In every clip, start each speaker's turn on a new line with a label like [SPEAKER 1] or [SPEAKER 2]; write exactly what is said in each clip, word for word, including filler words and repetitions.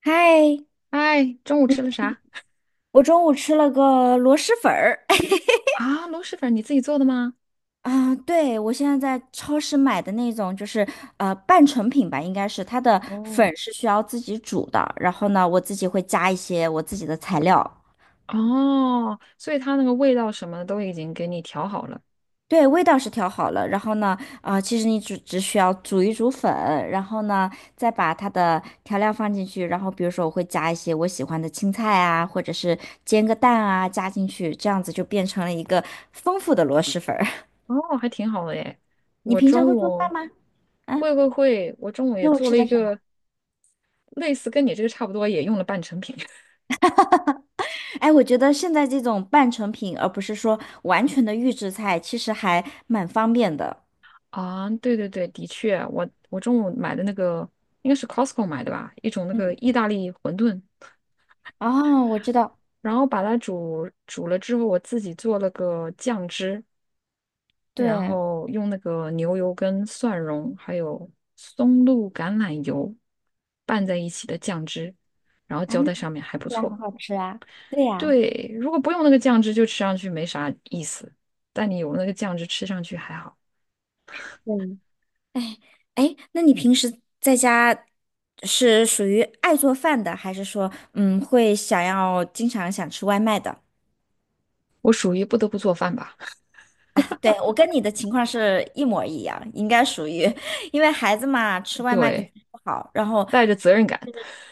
[SPEAKER 1] 嗨，
[SPEAKER 2] 哎，中午吃了啥
[SPEAKER 1] 我中午吃了个螺蛳粉儿。
[SPEAKER 2] 啊？螺蛳粉你自己做的吗？
[SPEAKER 1] 啊对，我现在在超市买的那种，就是呃半成品吧，应该是它的
[SPEAKER 2] 哦
[SPEAKER 1] 粉是需要自己煮的，然后呢，我自己会加一些我自己的材料。
[SPEAKER 2] 哦，所以它那个味道什么的都已经给你调好了。
[SPEAKER 1] 对，味道是调好了，然后呢，啊、其实你只只需要煮一煮粉，然后呢，再把它的调料放进去，然后比如说我会加一些我喜欢的青菜啊，或者是煎个蛋啊，加进去，这样子就变成了一个丰富的螺蛳粉儿。
[SPEAKER 2] 哦，还挺好的耶。
[SPEAKER 1] 你
[SPEAKER 2] 我
[SPEAKER 1] 平常
[SPEAKER 2] 中
[SPEAKER 1] 会做饭
[SPEAKER 2] 午
[SPEAKER 1] 吗？啊，
[SPEAKER 2] 会会会，我中午也
[SPEAKER 1] 肉
[SPEAKER 2] 做
[SPEAKER 1] 吃
[SPEAKER 2] 了一
[SPEAKER 1] 的什么？
[SPEAKER 2] 个类似跟你这个差不多，也用了半成品
[SPEAKER 1] 哎，我觉得现在这种半成品，而不是说完全的预制菜，其实还蛮方便的。
[SPEAKER 2] 啊。对对对，的确，我我中午买的那个应该是 Costco 买的吧，一种那个
[SPEAKER 1] 嗯，
[SPEAKER 2] 意大利馄饨，
[SPEAKER 1] 哦，我知道，
[SPEAKER 2] 然后把它煮煮了之后，我自己做了个酱汁，然
[SPEAKER 1] 对
[SPEAKER 2] 后用那个牛油跟蒜蓉还有松露橄榄油拌在一起的酱汁，然后
[SPEAKER 1] 啊，
[SPEAKER 2] 浇
[SPEAKER 1] 那
[SPEAKER 2] 在
[SPEAKER 1] 听
[SPEAKER 2] 上面还
[SPEAKER 1] 起
[SPEAKER 2] 不
[SPEAKER 1] 来很
[SPEAKER 2] 错。
[SPEAKER 1] 好吃啊。对呀，
[SPEAKER 2] 对，如果不用那个酱汁，就吃上去没啥意思，但你有那个酱汁，吃上去还好。
[SPEAKER 1] 嗯，哎哎，那你平时在家是属于爱做饭的，还是说嗯会想要经常想吃外卖的？
[SPEAKER 2] 我属于不得不做饭吧，
[SPEAKER 1] 对，我跟你的情况是一模一样，应该属于，因为孩子嘛，吃 外卖肯
[SPEAKER 2] 对，
[SPEAKER 1] 定不好，然后
[SPEAKER 2] 带着责任感，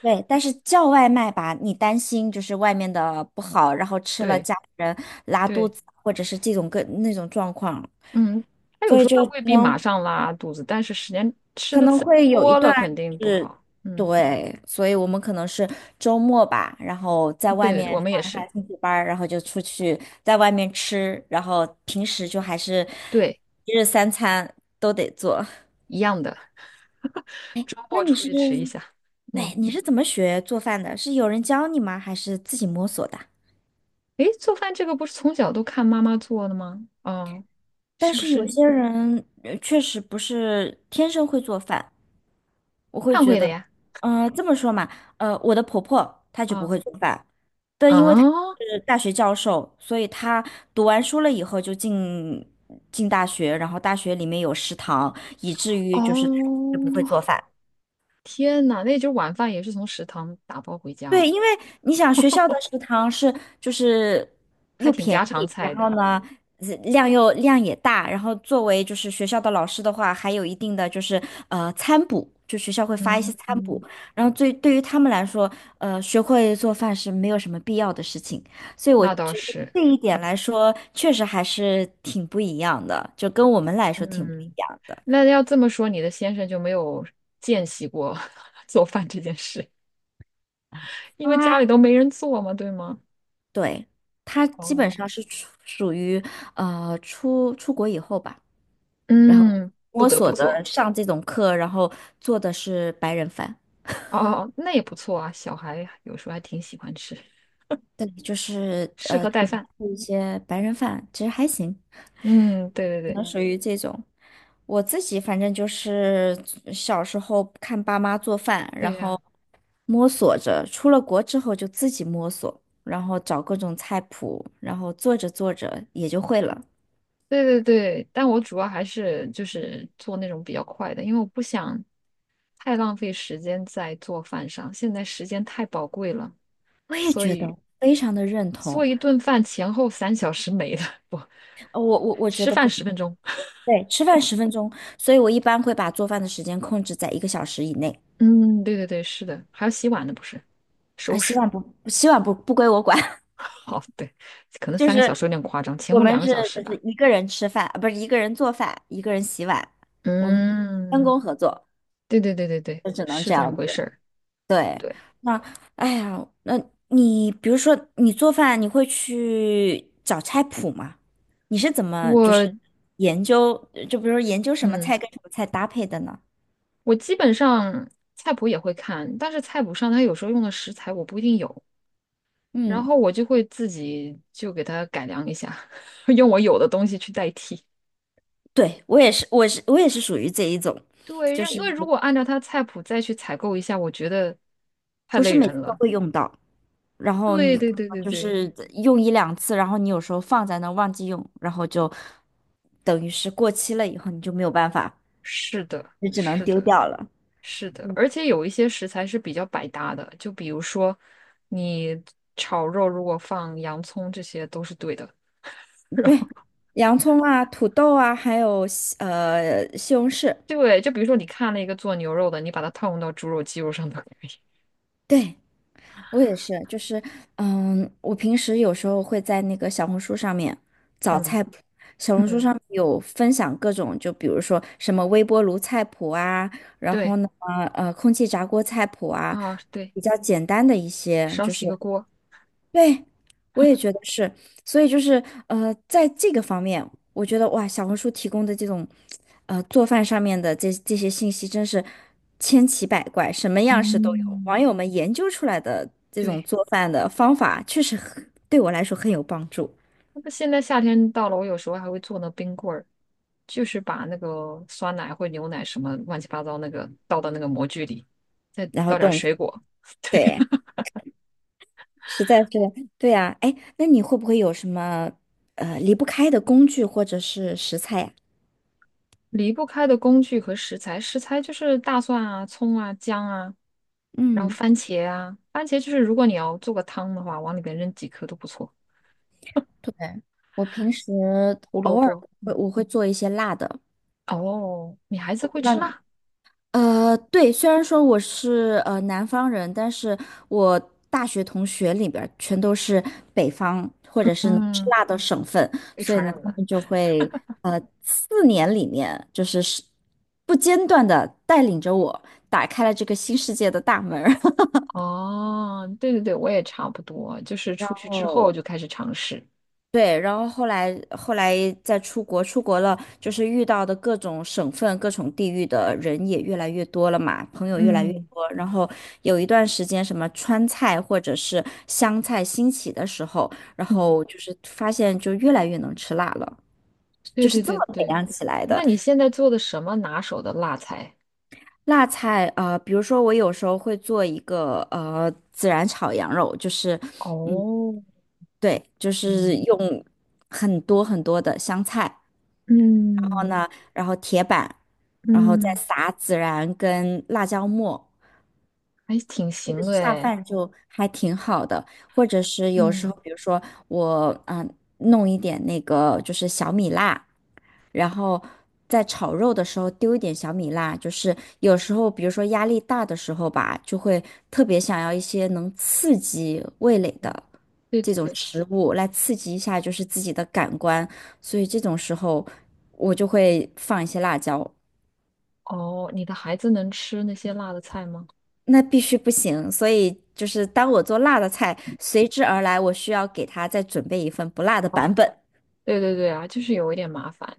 [SPEAKER 1] 对，但是叫外卖吧，你担心就是外面的不好，然后吃了
[SPEAKER 2] 对
[SPEAKER 1] 家里人拉肚
[SPEAKER 2] 对，
[SPEAKER 1] 子，或者是这种各那种状况，
[SPEAKER 2] 嗯，他有
[SPEAKER 1] 所
[SPEAKER 2] 时
[SPEAKER 1] 以
[SPEAKER 2] 候他
[SPEAKER 1] 就可
[SPEAKER 2] 未必马
[SPEAKER 1] 能
[SPEAKER 2] 上拉肚子，但是时间吃
[SPEAKER 1] 可
[SPEAKER 2] 的
[SPEAKER 1] 能
[SPEAKER 2] 次数
[SPEAKER 1] 会有一
[SPEAKER 2] 多了
[SPEAKER 1] 段
[SPEAKER 2] 肯定不
[SPEAKER 1] 是，
[SPEAKER 2] 好。嗯，
[SPEAKER 1] 对，所以我们可能是周末吧，然后在外面
[SPEAKER 2] 对，我
[SPEAKER 1] 上
[SPEAKER 2] 们也
[SPEAKER 1] 一下
[SPEAKER 2] 是，
[SPEAKER 1] 兴趣班儿然后就出去在外面吃，然后平时就还是
[SPEAKER 2] 对，
[SPEAKER 1] 一日三餐都得做。
[SPEAKER 2] 一样的。周
[SPEAKER 1] 那
[SPEAKER 2] 末
[SPEAKER 1] 你
[SPEAKER 2] 出
[SPEAKER 1] 是，
[SPEAKER 2] 去吃一下。
[SPEAKER 1] 对，
[SPEAKER 2] 嗯，
[SPEAKER 1] 你是怎么学做饭的？是有人教你吗？还是自己摸索的？
[SPEAKER 2] 诶，做饭这个不是从小都看妈妈做的吗？哦，
[SPEAKER 1] 但
[SPEAKER 2] 是不
[SPEAKER 1] 是有
[SPEAKER 2] 是
[SPEAKER 1] 些人呃确实不是天生会做饭，我会
[SPEAKER 2] 看
[SPEAKER 1] 觉
[SPEAKER 2] 会的
[SPEAKER 1] 得，
[SPEAKER 2] 呀？
[SPEAKER 1] 嗯，这么说嘛，呃，我的婆婆她就不
[SPEAKER 2] 啊
[SPEAKER 1] 会做饭，但因为她
[SPEAKER 2] 啊
[SPEAKER 1] 是大学教授，所以她读完书了以后就进进大学，然后大学里面有食堂，以至于就是就不会做
[SPEAKER 2] 哦，
[SPEAKER 1] 饭。
[SPEAKER 2] 天呐，那就是晚饭也是从食堂打包回家
[SPEAKER 1] 对，
[SPEAKER 2] 哦，
[SPEAKER 1] 因为你想学校的食堂是就是
[SPEAKER 2] 还
[SPEAKER 1] 又
[SPEAKER 2] 挺
[SPEAKER 1] 便
[SPEAKER 2] 家常
[SPEAKER 1] 宜，
[SPEAKER 2] 菜
[SPEAKER 1] 然后
[SPEAKER 2] 的。
[SPEAKER 1] 呢呃量又量也大，然后作为就是学校的老师的话，还有一定的就是呃餐补，就学校会发一
[SPEAKER 2] 嗯
[SPEAKER 1] 些餐补，
[SPEAKER 2] 嗯，
[SPEAKER 1] 然后对对于他们来说，呃学会做饭是没有什么必要的事情，所以我
[SPEAKER 2] 那倒
[SPEAKER 1] 觉得
[SPEAKER 2] 是。
[SPEAKER 1] 这一点来说，确实还是挺不一样的，就跟我们来说挺不一
[SPEAKER 2] 嗯，
[SPEAKER 1] 样的。
[SPEAKER 2] 那要这么说，你的先生就没有见习过 做饭这件事，因为
[SPEAKER 1] 啊，
[SPEAKER 2] 家里都没人做嘛，对吗？
[SPEAKER 1] 对，他基本
[SPEAKER 2] 哦，
[SPEAKER 1] 上是属属于呃出出国以后吧。然后
[SPEAKER 2] 嗯，不
[SPEAKER 1] 摸
[SPEAKER 2] 得不
[SPEAKER 1] 索的
[SPEAKER 2] 做。
[SPEAKER 1] 上这种课，然后做的是白人饭，
[SPEAKER 2] 哦哦，哦，那也不错啊，小孩有时候还挺喜欢吃，
[SPEAKER 1] 对，就是
[SPEAKER 2] 适
[SPEAKER 1] 呃
[SPEAKER 2] 合带
[SPEAKER 1] 点
[SPEAKER 2] 饭。
[SPEAKER 1] 一些白人饭，其实还行，
[SPEAKER 2] 嗯，对对对，
[SPEAKER 1] 嗯属于这种。我自己反正就是小时候看爸妈做饭，然
[SPEAKER 2] 对呀、
[SPEAKER 1] 后摸索着，出了国之后就自己摸索，然后找各种菜谱，然后做着做着也就会了。
[SPEAKER 2] 对对对。但我主要还是就是做那种比较快的，因为我不想太浪费时间在做饭上，现在时间太宝贵了，
[SPEAKER 1] 我也
[SPEAKER 2] 所
[SPEAKER 1] 觉
[SPEAKER 2] 以
[SPEAKER 1] 得非常的认
[SPEAKER 2] 做
[SPEAKER 1] 同，
[SPEAKER 2] 一顿饭前后三小时没了，不，
[SPEAKER 1] 呃我我我觉
[SPEAKER 2] 吃
[SPEAKER 1] 得
[SPEAKER 2] 饭
[SPEAKER 1] 不行。
[SPEAKER 2] 十分钟。
[SPEAKER 1] 对，吃饭十分钟，所以我一般会把做饭的时间控制在一个小时以内。
[SPEAKER 2] 嗯，对对对，是的，还要洗碗呢，不是，
[SPEAKER 1] 啊，
[SPEAKER 2] 收
[SPEAKER 1] 洗
[SPEAKER 2] 拾。
[SPEAKER 1] 碗不，洗碗不不归我管，
[SPEAKER 2] 好，对，可能
[SPEAKER 1] 就
[SPEAKER 2] 三个小时
[SPEAKER 1] 是
[SPEAKER 2] 有点夸张，前
[SPEAKER 1] 我
[SPEAKER 2] 后两
[SPEAKER 1] 们
[SPEAKER 2] 个
[SPEAKER 1] 是
[SPEAKER 2] 小时
[SPEAKER 1] 就是
[SPEAKER 2] 吧。
[SPEAKER 1] 一个人吃饭，啊不是一个人做饭，一个人洗碗，我们分
[SPEAKER 2] 嗯，
[SPEAKER 1] 工合作，
[SPEAKER 2] 对对对对对，
[SPEAKER 1] 就只能
[SPEAKER 2] 是
[SPEAKER 1] 这
[SPEAKER 2] 这么
[SPEAKER 1] 样
[SPEAKER 2] 回事
[SPEAKER 1] 子。
[SPEAKER 2] 儿。
[SPEAKER 1] 对，
[SPEAKER 2] 对，
[SPEAKER 1] 那哎呀，那你比如说你做饭，你会去找菜谱吗？你是怎么就
[SPEAKER 2] 我，
[SPEAKER 1] 是研究，就比如说研究什么
[SPEAKER 2] 嗯，
[SPEAKER 1] 菜跟什么菜搭配的呢？
[SPEAKER 2] 我基本上菜谱也会看，但是菜谱上它有时候用的食材我不一定有，然
[SPEAKER 1] 嗯
[SPEAKER 2] 后我就会自己就给它改良一下，用我有的东西去代替。
[SPEAKER 1] 对，我也是，我是我也是属于这一种，
[SPEAKER 2] 对，
[SPEAKER 1] 就
[SPEAKER 2] 让因
[SPEAKER 1] 是
[SPEAKER 2] 为如果按照它菜谱再去采购一下，我觉得太
[SPEAKER 1] 不是
[SPEAKER 2] 累
[SPEAKER 1] 每次
[SPEAKER 2] 人
[SPEAKER 1] 都
[SPEAKER 2] 了。
[SPEAKER 1] 会用到，然后
[SPEAKER 2] 对
[SPEAKER 1] 你
[SPEAKER 2] 对
[SPEAKER 1] 可能
[SPEAKER 2] 对对
[SPEAKER 1] 就
[SPEAKER 2] 对，
[SPEAKER 1] 是用一两次，然后你有时候放在那儿忘记用，然后就等于是过期了以后你就没有办法，
[SPEAKER 2] 是的，
[SPEAKER 1] 你只能
[SPEAKER 2] 是
[SPEAKER 1] 丢
[SPEAKER 2] 的。
[SPEAKER 1] 掉了。
[SPEAKER 2] 是的，而且有一些食材是比较百搭的，就比如说你炒肉如果放洋葱，这些都是对的。然
[SPEAKER 1] 对，
[SPEAKER 2] 后
[SPEAKER 1] 洋葱啊、土豆啊，还有西呃西红柿，
[SPEAKER 2] 对，就比如说你看了一个做牛肉的，你把它套用到猪肉、鸡肉上都可以。
[SPEAKER 1] 对，我也是，就是，嗯，我平时有时候会在那个小红书上面找
[SPEAKER 2] 嗯
[SPEAKER 1] 菜谱，小红书
[SPEAKER 2] 嗯，
[SPEAKER 1] 上面有分享各种，就比如说什么微波炉菜谱啊，然后
[SPEAKER 2] 对
[SPEAKER 1] 呢，呃，空气炸锅菜谱啊，
[SPEAKER 2] 啊，对，
[SPEAKER 1] 比较简单的一些，
[SPEAKER 2] 少
[SPEAKER 1] 就
[SPEAKER 2] 洗
[SPEAKER 1] 是，
[SPEAKER 2] 个锅。
[SPEAKER 1] 对，我也觉得是，所以就是呃，在这个方面，我觉得哇，小红书提供的这种呃做饭上面的这这些信息真是千奇百怪，什么样式都有。网
[SPEAKER 2] 嗯，
[SPEAKER 1] 友们研究出来的这种
[SPEAKER 2] 对。
[SPEAKER 1] 做饭的方法，确实很对我来说很有帮助。
[SPEAKER 2] 那现在夏天到了，我有时候还会做那冰棍儿，就是把那个酸奶或牛奶什么乱七八糟那个倒到那个模具里，再
[SPEAKER 1] 然后
[SPEAKER 2] 倒点儿
[SPEAKER 1] 动，
[SPEAKER 2] 水果。对。
[SPEAKER 1] 对，实在是对啊。哎，那你会不会有什么呃离不开的工具或者是食材呀？
[SPEAKER 2] 离不开的工具和食材，食材就是大蒜啊、葱啊、姜啊，然后
[SPEAKER 1] 嗯，
[SPEAKER 2] 番茄啊，番茄就是如果你要做个汤的话，往里边扔几颗都不错。
[SPEAKER 1] 对，我平时
[SPEAKER 2] 胡萝
[SPEAKER 1] 偶尔
[SPEAKER 2] 卜，
[SPEAKER 1] 会我会做一些辣的，
[SPEAKER 2] 哦，你孩子
[SPEAKER 1] 我不
[SPEAKER 2] 会
[SPEAKER 1] 知道。
[SPEAKER 2] 吃辣，
[SPEAKER 1] 呃，对，虽然说我是呃南方人，但是我大学同学里边儿全都是北方或者是能吃
[SPEAKER 2] 嗯，
[SPEAKER 1] 辣的省份，
[SPEAKER 2] 被
[SPEAKER 1] 所以
[SPEAKER 2] 传
[SPEAKER 1] 呢，
[SPEAKER 2] 染
[SPEAKER 1] 他
[SPEAKER 2] 了。
[SPEAKER 1] 们就会呃四年里面就是是不间断的带领着我打开了这个新世界的大门
[SPEAKER 2] 哦，对对对，我也差不多，就是
[SPEAKER 1] 然
[SPEAKER 2] 出去之后
[SPEAKER 1] 后
[SPEAKER 2] 就 开始尝试。
[SPEAKER 1] 对，然后后来后来再出国，出国了就是遇到的各种省份、各种地域的人也越来越多了嘛，朋友越来越
[SPEAKER 2] 嗯
[SPEAKER 1] 多。然后有一段时间，什么川菜或者是湘菜兴起的时候，然
[SPEAKER 2] 嗯，
[SPEAKER 1] 后就是发现就越来越能吃辣了，
[SPEAKER 2] 对
[SPEAKER 1] 就是
[SPEAKER 2] 对
[SPEAKER 1] 这
[SPEAKER 2] 对
[SPEAKER 1] 么培
[SPEAKER 2] 对。
[SPEAKER 1] 养起来
[SPEAKER 2] 那
[SPEAKER 1] 的。
[SPEAKER 2] 你现在做的什么拿手的辣菜？
[SPEAKER 1] 辣菜，呃，比如说我有时候会做一个呃孜然炒羊肉，就是嗯。
[SPEAKER 2] 哦，
[SPEAKER 1] 对，就是
[SPEAKER 2] 嗯
[SPEAKER 1] 用很多很多的香菜，
[SPEAKER 2] 嗯
[SPEAKER 1] 呢，然后铁板，然后再
[SPEAKER 2] 嗯，
[SPEAKER 1] 撒孜然跟辣椒末，
[SPEAKER 2] 还挺
[SPEAKER 1] 这个
[SPEAKER 2] 行的
[SPEAKER 1] 下
[SPEAKER 2] 诶。
[SPEAKER 1] 饭就还挺好的。或者是有时
[SPEAKER 2] 嗯
[SPEAKER 1] 候，比如说我嗯呃弄一点那个就是小米辣，然后在炒肉的时候丢一点小米辣，就是有时候比如说压力大的时候吧，就会特别想要一些能刺激味蕾
[SPEAKER 2] 嗯，
[SPEAKER 1] 的。
[SPEAKER 2] 对
[SPEAKER 1] 这
[SPEAKER 2] 对
[SPEAKER 1] 种
[SPEAKER 2] 对。
[SPEAKER 1] 食物来刺激一下，就是自己的感官，所以这种时候我就会放一些辣椒。
[SPEAKER 2] 哦，你的孩子能吃那些辣的菜吗？
[SPEAKER 1] 那必须不行，所以就是当我做辣的菜，随之而来，我需要给他再准备一份不辣的
[SPEAKER 2] 啊，
[SPEAKER 1] 版本。
[SPEAKER 2] 对对对啊，就是有一点麻烦。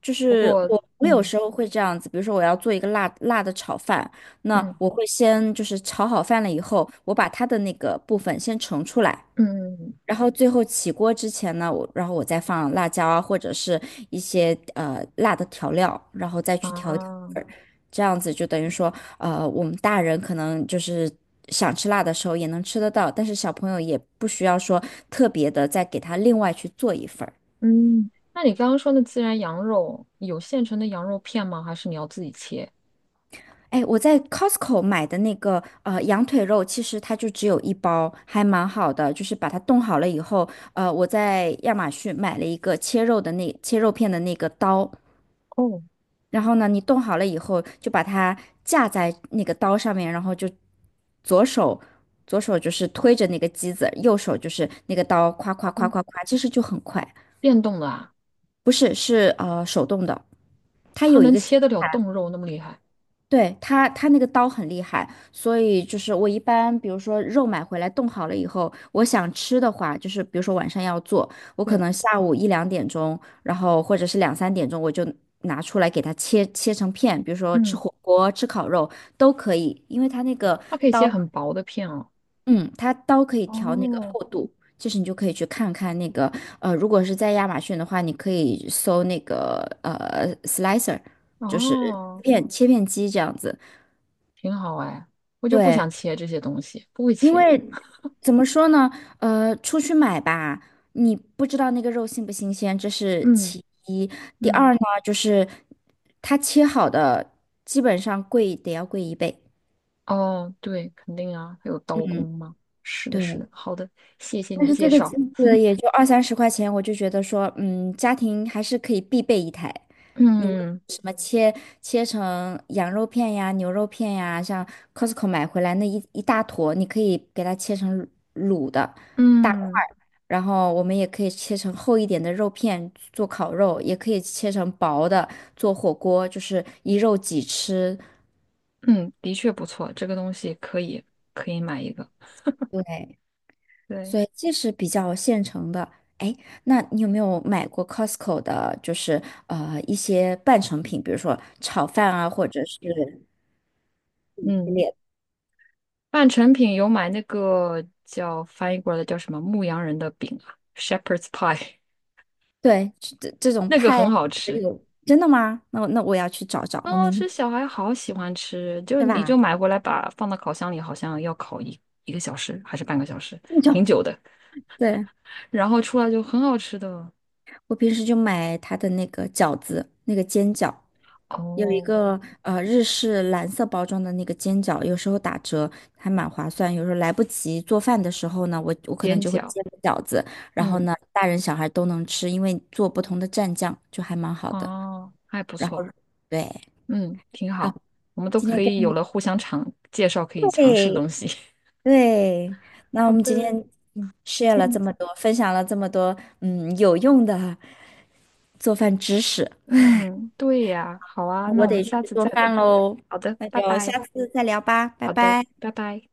[SPEAKER 1] 就
[SPEAKER 2] 不
[SPEAKER 1] 是
[SPEAKER 2] 过，
[SPEAKER 1] 我，我有
[SPEAKER 2] 嗯
[SPEAKER 1] 时候会这样子，比如说我要做一个辣辣的炒饭，那
[SPEAKER 2] 嗯
[SPEAKER 1] 我会先就是炒好饭了以后，我把它的那个部分先盛出来，
[SPEAKER 2] 嗯嗯
[SPEAKER 1] 然后最后起锅之前呢，我然后我再放辣椒啊，或者是一些呃辣的调料，然后再去调一调
[SPEAKER 2] 啊
[SPEAKER 1] 味儿，这样子就等于说，呃，我们大人可能就是想吃辣的时候也能吃得到，但是小朋友也不需要说特别的再给他另外去做一份儿。
[SPEAKER 2] 嗯，那你刚刚说的孜然羊肉有现成的羊肉片吗？还是你要自己切？
[SPEAKER 1] 哎，我在 Costco 买的那个呃羊腿肉，其实它就只有一包，还蛮好的。就是把它冻好了以后，呃，我在亚马逊买了一个切肉的那切肉片的那个刀，
[SPEAKER 2] 哦
[SPEAKER 1] 然后呢，你冻好了以后，就把它架在那个刀上面，然后就左手左手就是推着那个机子，右手就是那个刀，夸夸夸
[SPEAKER 2] 哦，
[SPEAKER 1] 夸夸，其实就很快。
[SPEAKER 2] 电动的啊，
[SPEAKER 1] 不是，是呃手动的，它
[SPEAKER 2] 它
[SPEAKER 1] 有一
[SPEAKER 2] 能
[SPEAKER 1] 个
[SPEAKER 2] 切得了冻肉那么厉害？
[SPEAKER 1] 对，它它那个刀很厉害，所以就是我一般，比如说肉买回来冻好了以后，我想吃的话，就是比如说晚上要做，我可
[SPEAKER 2] 对，
[SPEAKER 1] 能下午一两点钟，然后或者是两三点钟，我就拿出来给它切切成片，比如说吃
[SPEAKER 2] 嗯，
[SPEAKER 1] 火锅、吃烤肉都可以，因为它那个
[SPEAKER 2] 它可以
[SPEAKER 1] 刀，
[SPEAKER 2] 切很薄的片哦。
[SPEAKER 1] 嗯，它刀可以调那个
[SPEAKER 2] 哦
[SPEAKER 1] 厚度，就是你就可以去看看那个，呃，如果是在亚马逊的话，你可以搜那个呃 slicer，就是
[SPEAKER 2] 哦，
[SPEAKER 1] 片切片机这样子。
[SPEAKER 2] 挺好哎，我就不
[SPEAKER 1] 对，
[SPEAKER 2] 想切这些东西，不会
[SPEAKER 1] 因
[SPEAKER 2] 切。
[SPEAKER 1] 为怎么说呢？呃，出去买吧，你不知道那个肉新不新鲜，这是
[SPEAKER 2] 嗯
[SPEAKER 1] 其一。第
[SPEAKER 2] 嗯。
[SPEAKER 1] 二呢，就是它切好的，基本上贵得要贵一倍。
[SPEAKER 2] 哦，对，肯定啊，还有刀工
[SPEAKER 1] 嗯，
[SPEAKER 2] 吗？是的，
[SPEAKER 1] 对。
[SPEAKER 2] 是的，好的，谢谢
[SPEAKER 1] 但
[SPEAKER 2] 你
[SPEAKER 1] 是这
[SPEAKER 2] 介
[SPEAKER 1] 个机
[SPEAKER 2] 绍。
[SPEAKER 1] 子也就二三十块钱，我就觉得说，嗯，家庭还是可以必备一台。你无论
[SPEAKER 2] 嗯
[SPEAKER 1] 什么切切成羊肉片呀、牛肉片呀，像 Costco 买回来那一一大坨，你可以给它切成卤的大块
[SPEAKER 2] 嗯
[SPEAKER 1] 儿然后我们也可以切成厚一点的肉片做烤肉，也可以切成薄的做火锅，就是一肉几吃。
[SPEAKER 2] 嗯，的确不错，这个东西可以可以买一个。
[SPEAKER 1] 对，
[SPEAKER 2] 对，
[SPEAKER 1] 所以这是比较现成的。哎，那你有没有买过 Costco 的，就是呃一些半成品，比如说炒饭啊，或者是嗯系
[SPEAKER 2] 嗯，
[SPEAKER 1] 列
[SPEAKER 2] 半成品有买那个叫翻译过来叫什么牧羊人的饼啊，Shepherd's Pie，
[SPEAKER 1] 对，这这这 种
[SPEAKER 2] 那个
[SPEAKER 1] 派
[SPEAKER 2] 很
[SPEAKER 1] 啊
[SPEAKER 2] 好
[SPEAKER 1] 这
[SPEAKER 2] 吃，
[SPEAKER 1] 种，真的吗？那那我要去找找，
[SPEAKER 2] 很
[SPEAKER 1] 我
[SPEAKER 2] 好
[SPEAKER 1] 明天
[SPEAKER 2] 吃，小孩好喜欢吃。就
[SPEAKER 1] 是
[SPEAKER 2] 你就
[SPEAKER 1] 吧？
[SPEAKER 2] 买回来把放到烤箱里，好像要烤一一个小时还是半个小时，
[SPEAKER 1] 那
[SPEAKER 2] 挺
[SPEAKER 1] 种，
[SPEAKER 2] 久的。
[SPEAKER 1] 对，
[SPEAKER 2] 然后出来就很好吃的。
[SPEAKER 1] 我平时就买它的那个饺子，那个煎饺。有一
[SPEAKER 2] 哦，
[SPEAKER 1] 个呃日式蓝色包装的那个煎饺，有时候打折还蛮划算。有时候来不及做饭的时候呢，我我可能
[SPEAKER 2] 煎
[SPEAKER 1] 就会
[SPEAKER 2] 饺，
[SPEAKER 1] 煎个饺子，然后
[SPEAKER 2] 嗯，
[SPEAKER 1] 呢，大人小孩都能吃，因为做不同的蘸酱就还蛮好的。
[SPEAKER 2] 哦，还不
[SPEAKER 1] 然后
[SPEAKER 2] 错，
[SPEAKER 1] 对，
[SPEAKER 2] 嗯，挺
[SPEAKER 1] 好，
[SPEAKER 2] 好，我们都
[SPEAKER 1] 今天
[SPEAKER 2] 可
[SPEAKER 1] 跟
[SPEAKER 2] 以有
[SPEAKER 1] 你
[SPEAKER 2] 了互相尝介绍可以尝试的
[SPEAKER 1] 对
[SPEAKER 2] 东西。
[SPEAKER 1] 对，那
[SPEAKER 2] 好
[SPEAKER 1] 我们今天
[SPEAKER 2] 的，
[SPEAKER 1] 嗯 share 了这
[SPEAKER 2] 先，
[SPEAKER 1] 么多，分享了这么多嗯有用的做饭知识，
[SPEAKER 2] 嗯，对呀，好啊，
[SPEAKER 1] 那
[SPEAKER 2] 那
[SPEAKER 1] 我
[SPEAKER 2] 我们
[SPEAKER 1] 得去
[SPEAKER 2] 下次
[SPEAKER 1] 做
[SPEAKER 2] 再
[SPEAKER 1] 饭
[SPEAKER 2] 聊。
[SPEAKER 1] 喽，
[SPEAKER 2] 好的，
[SPEAKER 1] 那
[SPEAKER 2] 拜
[SPEAKER 1] 就下
[SPEAKER 2] 拜。
[SPEAKER 1] 次再聊吧，拜
[SPEAKER 2] 好的，
[SPEAKER 1] 拜。
[SPEAKER 2] 拜拜。